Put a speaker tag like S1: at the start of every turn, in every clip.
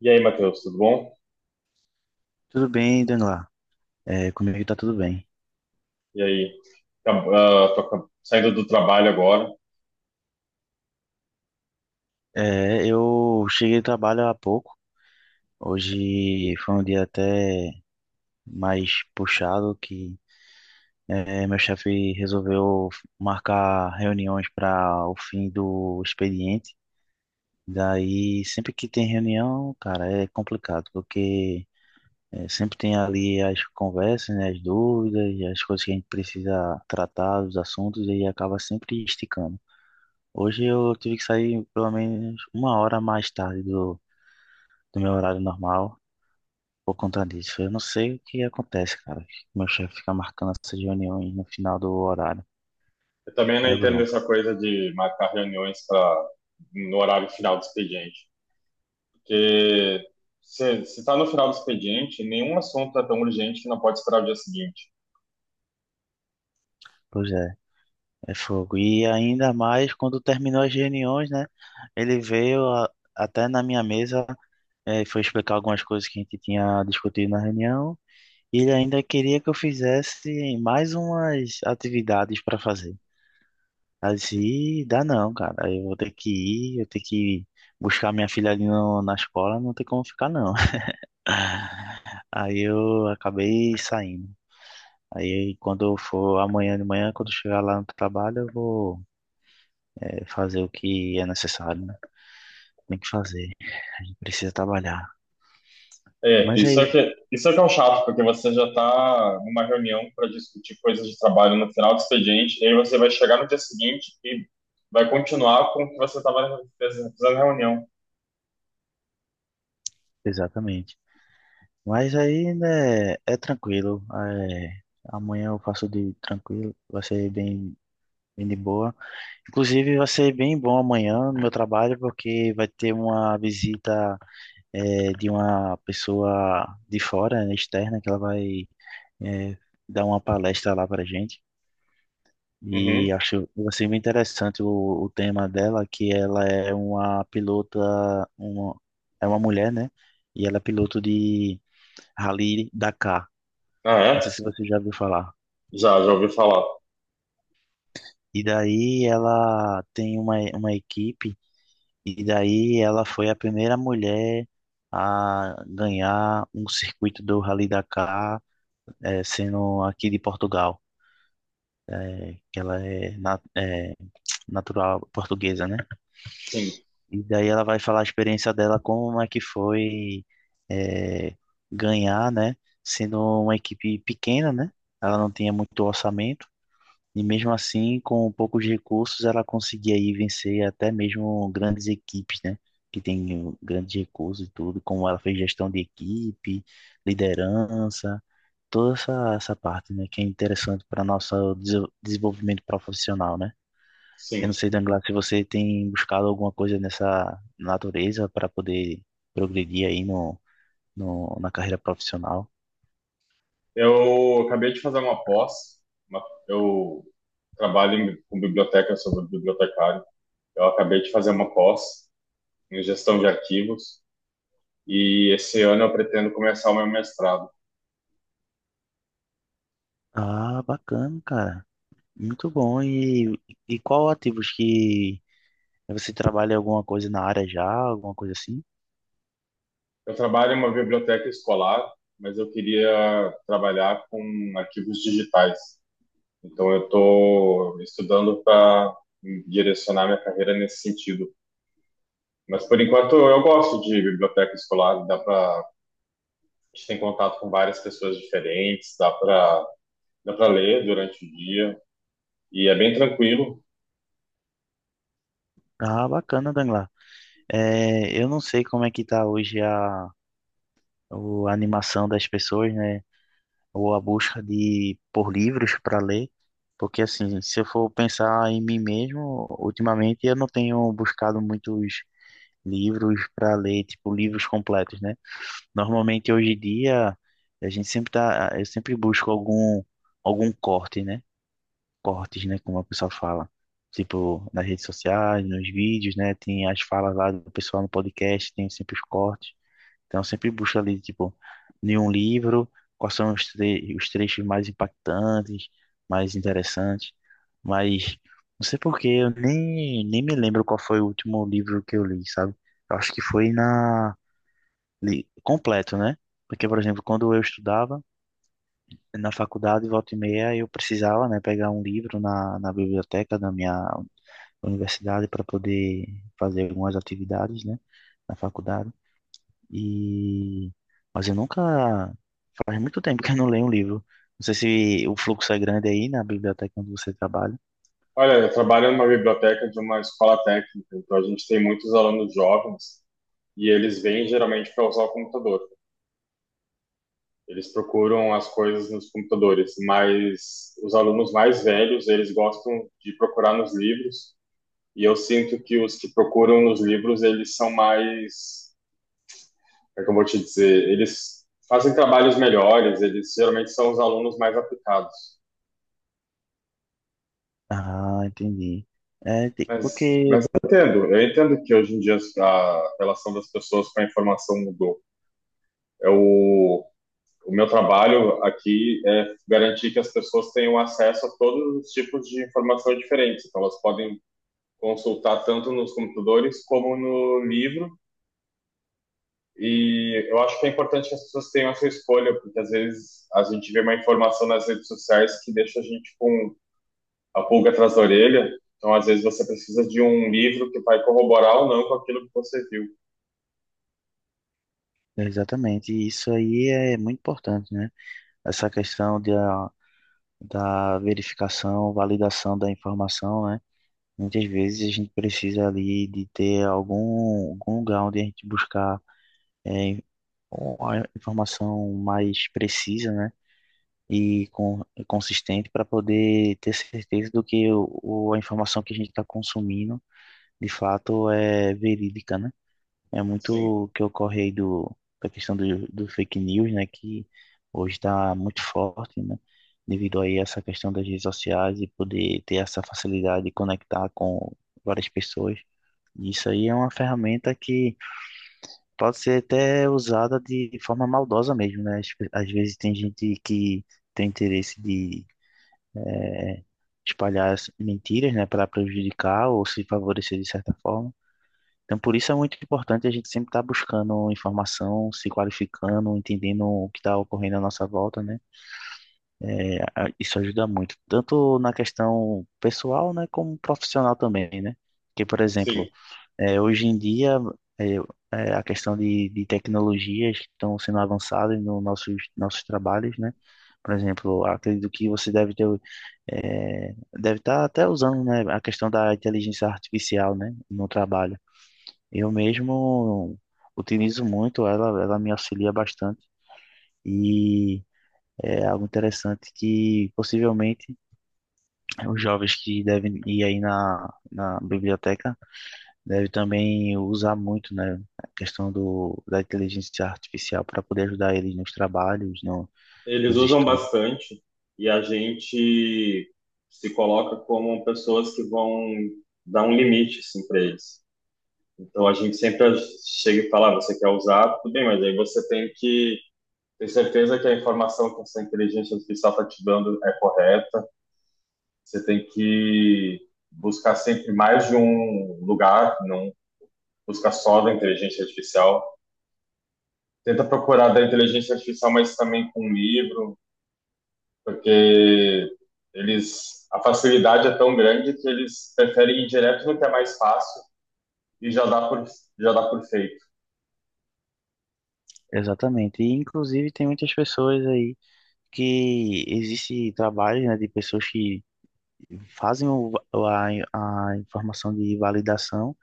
S1: E aí, Matheus, tudo bom?
S2: Tudo bem, Danila? É, comigo tá tudo bem.
S1: E aí? Tô saindo do trabalho agora.
S2: É, eu cheguei do trabalho há pouco. Hoje foi um dia até mais puxado que meu chefe resolveu marcar reuniões para o fim do expediente. Daí, sempre que tem reunião, cara, é complicado, porque sempre tem ali as conversas, né, as dúvidas, as coisas que a gente precisa tratar, os assuntos, e acaba sempre esticando. Hoje eu tive que sair pelo menos uma hora mais tarde do meu horário normal por conta disso. Eu não sei o que acontece, cara. Meu chefe fica marcando essas reuniões no final do horário.
S1: Eu também não
S2: É
S1: entendo
S2: bronca.
S1: essa coisa de marcar reuniões para no horário final do expediente. Porque se está no final do expediente, nenhum assunto é tão urgente que não pode esperar o dia seguinte.
S2: Pois é, é fogo. E ainda mais quando terminou as reuniões, né? Ele veio a- Até na minha mesa, foi explicar algumas coisas que a gente tinha discutido na reunião. E ele ainda queria que eu fizesse mais umas atividades para fazer. Assim, dá não, cara. Eu vou ter que ir, eu tenho que buscar minha filha ali na escola, não tem como ficar não. Aí eu acabei saindo. Aí quando eu for amanhã de manhã, quando eu chegar lá no trabalho, eu vou fazer o que é necessário, né? Tem que fazer, precisa trabalhar.
S1: É,
S2: Mas
S1: isso é
S2: aí,
S1: que, isso é que é um chato, porque você já está numa reunião para discutir coisas de trabalho no final do expediente, e aí você vai chegar no dia seguinte e vai continuar com o que você estava fazendo na reunião.
S2: exatamente. Mas aí, né, é tranquilo. Amanhã eu faço de tranquilo, vai ser bem, bem de boa. Inclusive, vai ser bem bom amanhã no meu trabalho, porque vai ter uma visita de uma pessoa de fora, né, externa, que ela vai eh, dar uma palestra lá para gente.
S1: Uhum.
S2: E acho que vai ser bem interessante o tema dela, que ela é uma pilota, uma, é uma mulher, né? E ela é piloto de Rally Dakar.
S1: Ah,
S2: Não sei
S1: é?
S2: se você já ouviu falar.
S1: Já, já ouvi falar.
S2: E daí ela tem uma equipe. E daí ela foi a primeira mulher a ganhar um circuito do Rally Dakar, sendo aqui de Portugal, eh, que ela é, na- eh, natural portuguesa, né?
S1: Sim,
S2: E daí ela vai falar a experiência dela, como é que foi, eh, ganhar, né? Sendo uma equipe pequena, né? Ela não tinha muito orçamento. E mesmo assim, com poucos recursos, ela conseguia aí vencer até mesmo grandes equipes, né? Que tem grandes recursos e tudo, como ela fez gestão de equipe, liderança, toda essa parte, né? Que é interessante para nosso desenvolvimento profissional, né? Eu
S1: sim.
S2: não sei, Danglar, se você tem buscado alguma coisa nessa natureza para poder progredir aí no, no, na carreira profissional.
S1: Eu acabei de fazer uma pós. uma- Eu trabalho com biblioteca, eu sou bibliotecário. Eu acabei de fazer uma pós em gestão de arquivos e esse ano eu pretendo começar o meu mestrado.
S2: Ah, bacana, cara. Muito bom. E qual ativos que você trabalha em alguma coisa na área já, alguma coisa assim?
S1: Eu trabalho em uma biblioteca escolar, mas eu queria trabalhar com arquivos digitais. Então eu estou estudando para direcionar minha carreira nesse sentido. Mas por enquanto eu gosto de biblioteca escolar, dá para a gente tem contato com várias pessoas diferentes, dá para ler durante o dia e é bem tranquilo.
S2: Ah, bacana, Danglar. É, eu não sei como é que tá hoje a animação das pessoas, né? Ou a busca de por livros para ler, porque assim, se eu for pensar em mim mesmo, ultimamente eu não tenho buscado muitos livros para ler, tipo livros completos, né? Normalmente hoje em dia a gente sempre tá, eu sempre busco algum algum corte, né? Cortes, né? Como a pessoa fala. Tipo, nas redes sociais, nos vídeos, né? Tem as falas lá do pessoal no podcast, tem sempre os cortes. Então, eu sempre busco ali, tipo, em um livro, quais são os trechos mais impactantes, mais interessantes. Mas, não sei por que, eu nem me lembro qual foi o último livro que eu li, sabe? Eu acho que foi na... completo, né? Porque, por exemplo, quando eu estudava, na faculdade, volta e meia, eu precisava, né, pegar um livro na biblioteca da minha universidade para poder fazer algumas atividades, né, na faculdade. E mas eu nunca faz muito tempo que eu não leio um livro. Não sei se o fluxo é grande aí na biblioteca onde você trabalha.
S1: Olha, eu trabalho numa biblioteca de uma escola técnica, então a gente tem muitos alunos jovens e eles vêm geralmente para usar o computador. Eles procuram as coisas nos computadores, mas os alunos mais velhos, eles gostam de procurar nos livros, e eu sinto que os que procuram nos livros, eles são mais é que eu vou te dizer, eles fazem trabalhos melhores, eles geralmente são os alunos mais aplicados.
S2: Ah, entendi.
S1: Mas,
S2: Porque
S1: mas eu entendo que hoje em dia a relação das pessoas com a informação mudou. É o meu trabalho aqui é garantir que as pessoas tenham acesso a todos os tipos de informação diferentes. Então, elas podem consultar tanto nos computadores como no livro. E eu acho que é importante que as pessoas tenham essa escolha, porque às vezes a gente vê uma informação nas redes sociais que deixa a gente com a pulga atrás da orelha. Então, às vezes, você precisa de um livro que vai corroborar ou não com aquilo que você viu.
S2: exatamente isso aí é muito importante, né? Essa questão da verificação, validação da informação, né? Muitas vezes a gente precisa ali de ter algum, algum lugar onde a gente buscar é, uma informação mais precisa, né? E com, consistente para poder ter certeza do que a informação que a gente está consumindo de fato é verídica, né? É
S1: Sim,
S2: muito o que ocorre aí do, da questão do fake news, né? Que hoje está muito forte, né? Devido aí a essa questão das redes sociais e poder ter essa facilidade de conectar com várias pessoas. Isso aí é uma ferramenta que pode ser até usada de forma maldosa mesmo, né? Às vezes tem gente que tem interesse de eh, espalhar as mentiras, né, para prejudicar ou se favorecer de certa forma. Então, por isso é muito importante a gente sempre estar buscando informação, se qualificando, entendendo o que está ocorrendo à nossa volta, né? Isso ajuda muito, tanto na questão pessoal, né, como profissional também, né? Porque, por
S1: sim.
S2: exemplo, é, hoje em dia, é, a questão de tecnologias que estão sendo avançadas nos nossos trabalhos, né? Por exemplo, acredito que você deve ter, deve estar até usando, né, a questão da inteligência artificial, né, no trabalho. Eu mesmo utilizo muito ela, ela me auxilia bastante e é algo interessante que possivelmente os jovens que devem ir aí na biblioteca deve também usar muito, né, a questão da inteligência artificial para poder ajudar eles nos trabalhos, no,
S1: Eles
S2: nos
S1: usam
S2: estudos.
S1: bastante e a gente se coloca como pessoas que vão dar um limite assim, para eles. Então a gente sempre chega e fala: ah, você quer usar? Tudo bem, mas aí você tem que ter certeza que a informação que essa inteligência artificial está te dando é correta. Você tem que buscar sempre mais de um lugar, não busca só da inteligência artificial. Tenta procurar da inteligência artificial, mas também com um livro, porque eles a facilidade é tão grande que eles preferem ir direto no que é mais fácil e já dá por feito.
S2: Exatamente. E, inclusive, tem muitas pessoas aí que existe trabalho, né, de pessoas que fazem a informação de validação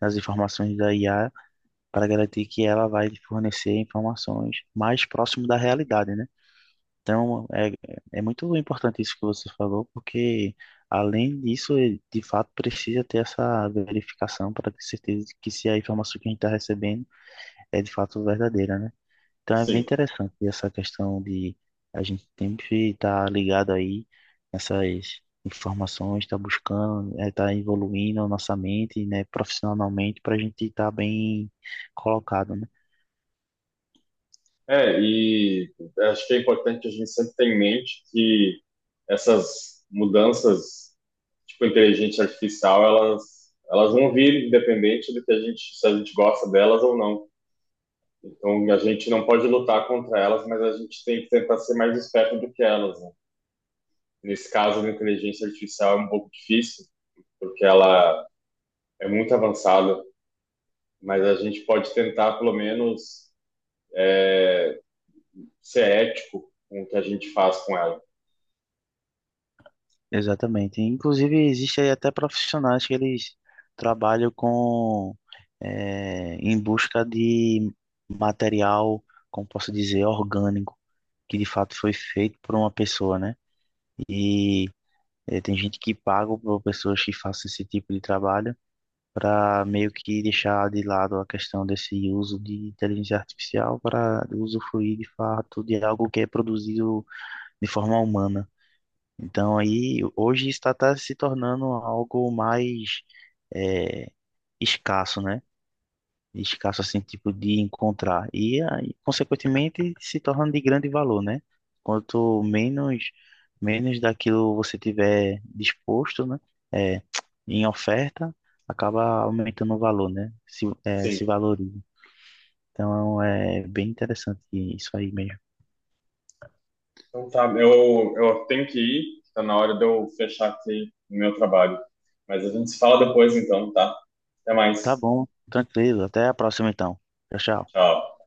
S2: das informações da IA para garantir que ela vai fornecer informações mais próximo da realidade, né? Então, é muito importante isso que você falou, porque além disso, ele, de fato, precisa ter essa verificação para ter certeza de que se a informação que a gente está recebendo é de fato verdadeira, né? Então, é bem
S1: Sim.
S2: interessante essa questão de a gente sempre estar ligado aí nessas informações, estar buscando, estar evoluindo a nossa mente, né, profissionalmente, para a gente estar bem colocado, né?
S1: É, e acho que é importante que a gente sempre tenha em mente que essas mudanças, tipo inteligência artificial, elas vão vir independente do que a gente, se a gente gosta delas ou não. Então, a gente não pode lutar contra elas, mas a gente tem que tentar ser mais esperto do que elas, né? Nesse caso, a inteligência artificial é um pouco difícil, porque ela é muito avançada, mas a gente pode tentar, pelo menos, ser ético com o que a gente faz com ela.
S2: Exatamente. Inclusive, existe aí até profissionais que eles trabalham com em busca de material, como posso dizer, orgânico, que de fato foi feito por uma pessoa, né? E tem gente que paga por pessoas que façam esse tipo de trabalho para meio que deixar de lado a questão desse uso de inteligência artificial para usufruir de fato de algo que é produzido de forma humana. Então aí hoje está tá se tornando algo mais é, escasso, né? Escasso assim, tipo de encontrar. E aí, consequentemente se torna de grande valor, né? Quanto menos daquilo você tiver disposto, né? É, em oferta, acaba aumentando o valor, né?
S1: Sim.
S2: Se valoriza. Então é bem interessante isso aí mesmo.
S1: Então tá, eu tenho que ir, tá na hora de eu fechar aqui o meu trabalho. Mas a gente se fala depois, então, tá? Até
S2: Tá
S1: mais.
S2: bom, tranquilo. Até a próxima então. Tchau, tchau.
S1: Tchau.